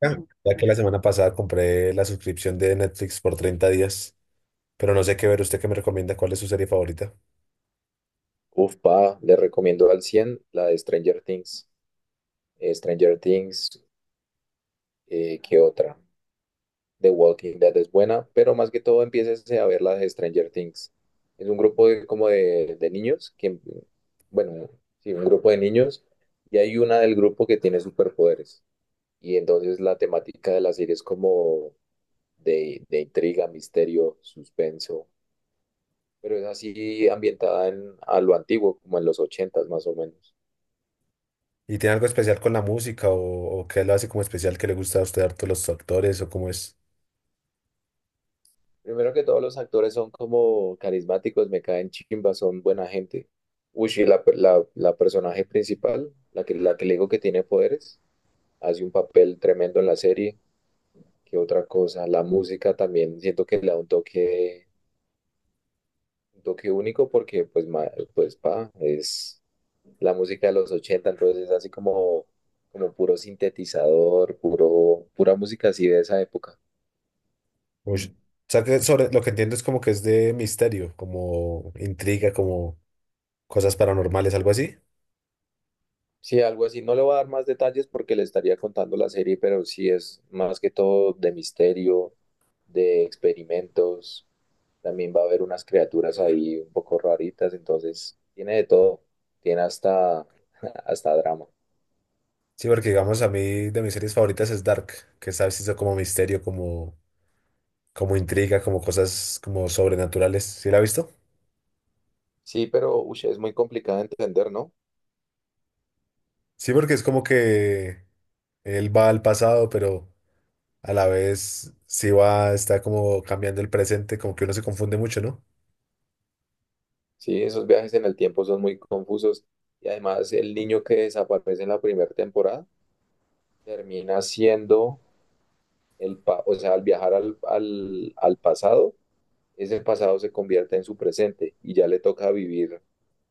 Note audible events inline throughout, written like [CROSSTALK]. Ya ya que la semana pasada compré la suscripción de Netflix por 30 días, pero no sé qué ver. ¿Usted qué me recomienda? ¿Cuál es su serie favorita? Uf, pa, le recomiendo al 100 la de Stranger Things. Stranger Things, ¿qué otra? The Walking Dead es buena, pero más que todo empieces a ver las de Stranger Things. Es un grupo como de niños, que, bueno, sí, un grupo de niños, y hay una del grupo que tiene superpoderes. Y entonces la temática de la serie es como de intriga, misterio, suspenso, pero es así ambientada a lo antiguo, como en los 80 más o menos. ¿Y tiene algo especial con la música o qué lo hace como especial que le gusta a usted harto los actores o cómo es? Primero que todos los actores son como carismáticos, me caen chimba, son buena gente. Uy, y la personaje principal, la que le digo que tiene poderes, hace un papel tremendo en la serie. ¿Qué otra cosa? La música también siento que le da un toque único porque pues, pa, es la música de los 80 entonces es así como puro sintetizador, pura música así de esa época. Ush. O sea, que sobre lo que entiendo es como que es de misterio, como intriga, como cosas paranormales, algo así. Sí, algo así. No le voy a dar más detalles porque le estaría contando la serie, pero sí es más que todo de misterio, de experimentos. También va a haber unas criaturas ahí un poco raritas, entonces tiene de todo. Tiene hasta, [LAUGHS] hasta drama. Sí, porque digamos a mí de mis series favoritas es Dark, que sabes hizo como misterio, como, como intriga, como cosas como sobrenaturales. ¿Sí la ha visto? Sí, pero ush, es muy complicado de entender, ¿no? Sí, porque es como que él va al pasado, pero a la vez sí va, está como cambiando el presente, como que uno se confunde mucho, ¿no? Sí, esos viajes en el tiempo son muy confusos. Y además el niño que desaparece en la primera temporada termina siendo o sea, al viajar al pasado ese pasado se convierte en su presente y ya le toca vivir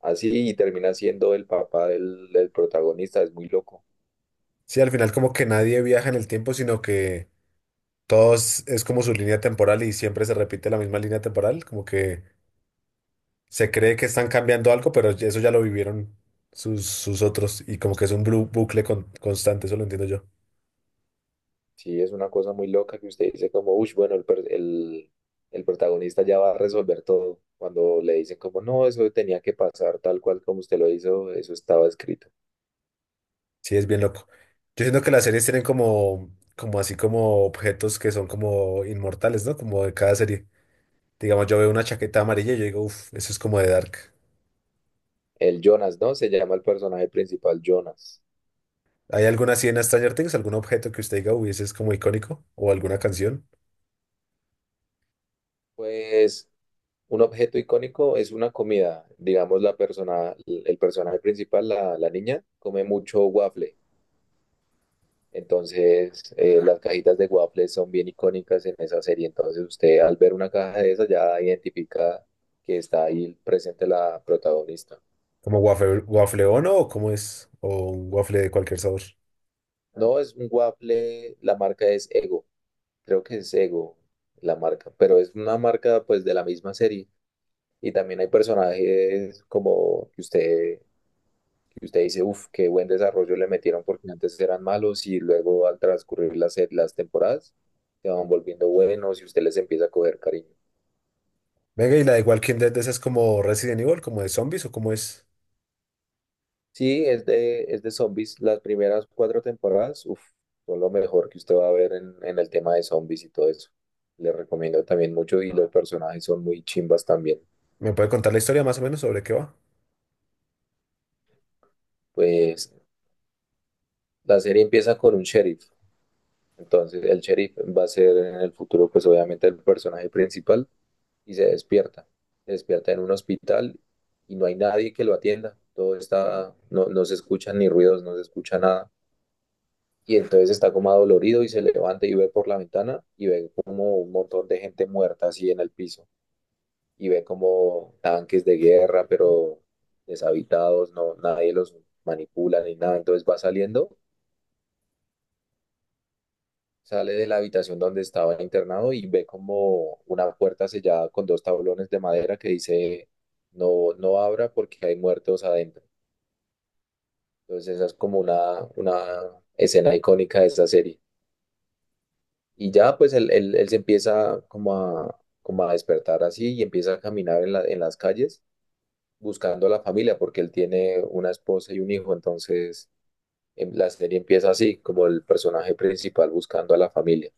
así y termina siendo el papá del protagonista. Es muy loco. Sí, al final como que nadie viaja en el tiempo, sino que todos es como su línea temporal y siempre se repite la misma línea temporal, como que se cree que están cambiando algo, pero eso ya lo vivieron sus, sus otros y como que es un bucle constante, eso lo entiendo yo. Sí, es una cosa muy loca que usted dice como, uy, bueno, el protagonista ya va a resolver todo. Cuando le dicen como, no, eso tenía que pasar tal cual como usted lo hizo, eso estaba escrito. Sí, es bien loco. Yo siento que las series tienen como, como así como objetos que son como inmortales, ¿no? Como de cada serie. Digamos, yo veo una chaqueta amarilla y yo digo, uff, eso es como de Dark. El Jonas, ¿no? Se llama el personaje principal Jonas. ¿Hay alguna así en Stranger Things? ¿Algún objeto que usted diga, uy, ese es como icónico? ¿O alguna canción? Pues un objeto icónico es una comida. Digamos, el personaje principal, la niña, come mucho waffle. Entonces, las cajitas de waffles son bien icónicas en esa serie. Entonces, usted al ver una caja de esas ya identifica que está ahí presente la protagonista. ¿Como waffle, waffle Ono o cómo es? ¿O un waffle de cualquier sabor? No es un waffle, la marca es Ego. Creo que es Ego la marca, pero es una marca pues de la misma serie. Y también hay personajes como que usted dice, uff, qué buen desarrollo le metieron porque antes eran malos y luego al transcurrir las temporadas se van volviendo buenos y usted les empieza a coger cariño. Venga, y la de Walking Dead, ¿esa es como Resident Evil, como de zombies o cómo es? Sí, es de zombies. Las primeras cuatro temporadas, uf, son lo mejor que usted va a ver en el tema de zombies y todo eso. Le recomiendo también mucho y los personajes son muy chimbas también. ¿Me puede contar la historia más o menos sobre qué va? Pues la serie empieza con un sheriff. Entonces el sheriff va a ser en el futuro, pues obviamente el personaje principal y se despierta. Se despierta en un hospital y no hay nadie que lo atienda. No, no se escuchan ni ruidos, no se escucha nada. Y entonces está como adolorido y se levanta y ve por la ventana y ve como un montón de gente muerta así en el piso y ve como tanques de guerra pero deshabitados, no, nadie los manipula ni nada, entonces va saliendo, sale de la habitación donde estaba internado y ve como una puerta sellada con dos tablones de madera que dice no, no abra porque hay muertos adentro. Entonces esa es como una escena icónica de esa serie. Y ya pues él se empieza como a despertar así y empieza a caminar en las calles buscando a la familia porque él tiene una esposa y un hijo, entonces em, la serie empieza así, como el personaje principal buscando a la familia.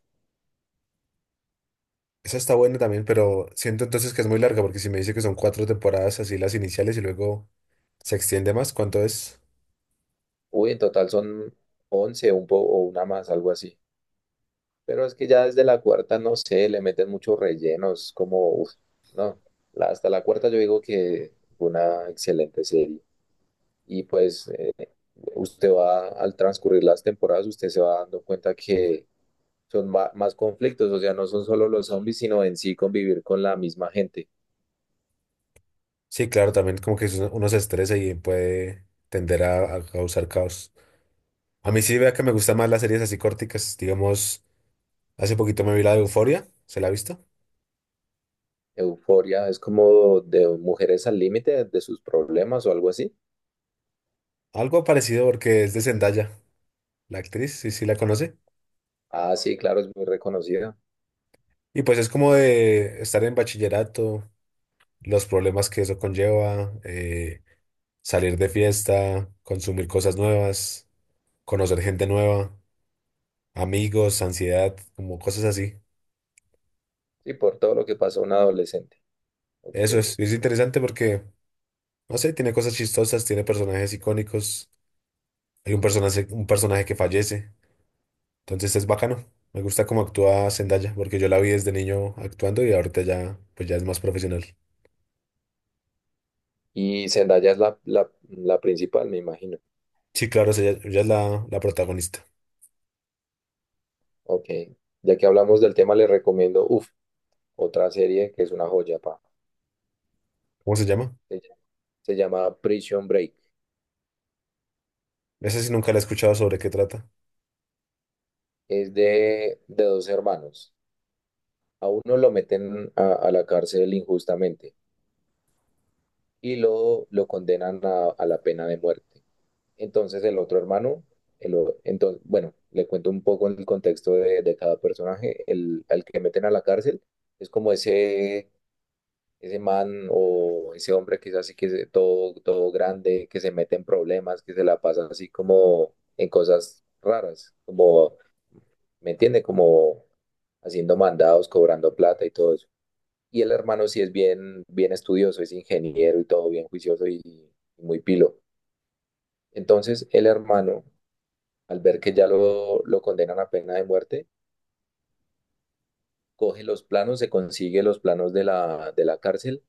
Esa está buena también, pero siento entonces que es muy larga porque si me dice que son 4 temporadas así las iniciales y luego se extiende más, ¿cuánto es? Uy, en total son 11 o una más, algo así. Pero es que ya desde la cuarta, no sé, le meten muchos rellenos, como, uf, no, hasta la cuarta yo digo que fue una excelente serie. Y pues usted va, al transcurrir las temporadas, usted se va dando cuenta que son más conflictos, o sea, no son solo los zombies, sino en sí convivir con la misma gente. Sí, claro, también como que uno se estresa y puede tender a causar caos. A mí sí vea que me gustan más las series así corticas. Digamos, hace poquito me vi la de Euforia, ¿se la ha visto? Euforia es como de mujeres al límite de sus problemas o algo así. Algo parecido porque es de Zendaya, la actriz, sí, sí la conoce. Ah, sí, claro, es muy reconocida. Y pues es como de estar en bachillerato, los problemas que eso conlleva, salir de fiesta, consumir cosas nuevas, conocer gente nueva, amigos, ansiedad, como cosas así. Sí, por todo lo que pasa a un adolescente. Ok. Eso es interesante porque, no sé, tiene cosas chistosas, tiene personajes icónicos, hay un personaje que fallece. Entonces es bacano. Me gusta cómo actúa Zendaya, porque yo la vi desde niño actuando y ahorita ya, pues ya es más profesional. Y Zendaya es la principal, me imagino. Sí, claro, es ella, ella es la, la protagonista. Ok. Ya que hablamos del tema, le recomiendo, uff, otra serie que es una joya, pa. ¿Cómo se llama? Se llama se llama Prison Break. Esa sí nunca la he escuchado sobre qué trata. Es de dos hermanos. A uno lo meten a la cárcel injustamente y lo condenan a la pena de muerte. Entonces el otro hermano, entonces, bueno, le cuento un poco el contexto de cada personaje. El, al que meten a la cárcel es como ese ese man o ese hombre que es así que es todo, todo grande, que se mete en problemas, que se la pasa así como en cosas raras, como, ¿me entiende? Como haciendo mandados, cobrando plata y todo eso. Y el hermano sí es bien, bien estudioso, es ingeniero y todo bien juicioso y muy pilo. Entonces el hermano, al ver que ya lo condenan a pena de muerte, coge los planos, se consigue los planos de de la cárcel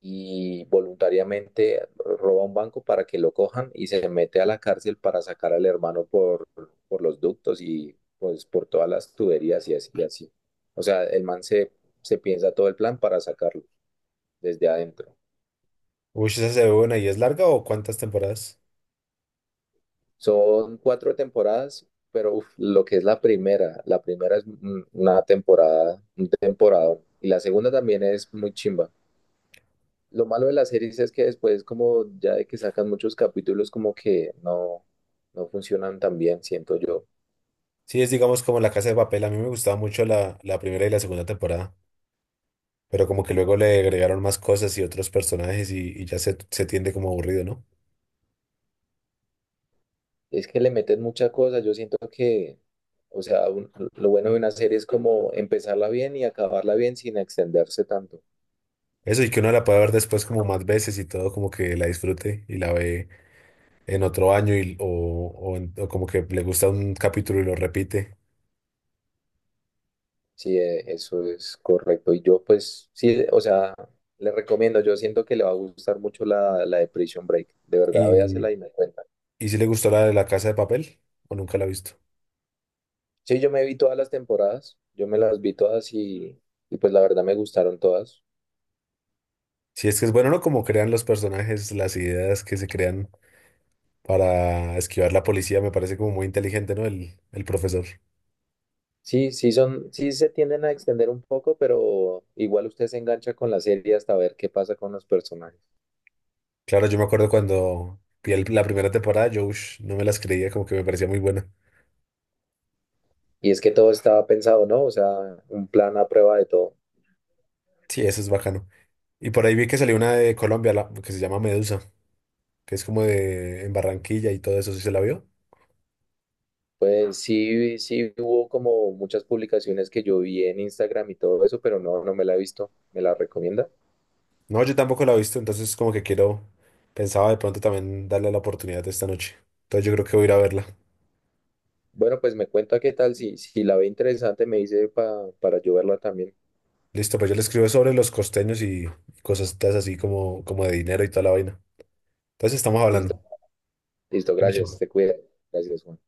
y voluntariamente roba un banco para que lo cojan y se mete a la cárcel para sacar al hermano por los ductos y pues por todas las tuberías y así y así. O sea, el man se piensa todo el plan para sacarlo desde adentro. Uy, ¿esa se ve buena y es larga o cuántas temporadas? Son cuatro temporadas, pero uf, lo que es la primera es una temporada, un temporada. Y la segunda también es muy chimba. Lo malo de las series es que después, como ya de que sacan muchos capítulos, como que no, no funcionan tan bien, siento yo. Sí, es digamos como La Casa de Papel. A mí me gustaba mucho la, la primera y la segunda temporada, pero como que luego le agregaron más cosas y otros personajes y ya se tiende como aburrido, ¿no? Es que le meten mucha cosa, yo siento que, o sea, lo bueno de una serie es como empezarla bien y acabarla bien sin extenderse tanto. Eso y que uno la pueda ver después como más veces y todo, como que la disfrute y la ve en otro año o como que le gusta un capítulo y lo repite. Sí, eso es correcto. Y yo, pues, sí, o sea, le recomiendo, yo siento que le va a gustar mucho la de Prison Break. De verdad, Y, véasela y me cuenta. y si le gustó la de la Casa de Papel o nunca la ha visto. Sí, yo me vi todas las temporadas, yo me las vi todas y pues la verdad me gustaron todas. Si es que es bueno, ¿no? Como crean los personajes, las ideas que se crean para esquivar la policía, me parece como muy inteligente, ¿no? El profesor. Sí, sí son, sí se tienden a extender un poco, pero igual usted se engancha con la serie hasta ver qué pasa con los personajes. Claro, yo me acuerdo cuando vi la primera temporada, yo ush, no me las creía, como que me parecía muy buena. Y es que todo estaba pensado, ¿no? O sea, un plan a prueba de todo. Sí, eso es bacano. Y por ahí vi que salió una de Colombia, que se llama Medusa, que es como de en Barranquilla y todo eso, ¿sí se la vio? Pues sí, sí hubo como muchas publicaciones que yo vi en Instagram y todo eso, pero no, no me la he visto. ¿Me la recomienda? No, yo tampoco la he visto, entonces como que quiero, pensaba de pronto también darle la oportunidad de esta noche. Entonces yo creo que voy a ir a verla. Bueno, pues me cuenta qué tal, si la ve interesante me dice para yo verla también. Listo, pues yo le escribo sobre los costeños y cosas así como, como de dinero y toda la vaina. Entonces estamos hablando. Listo, listo, gracias, te cuida. Gracias, Juan.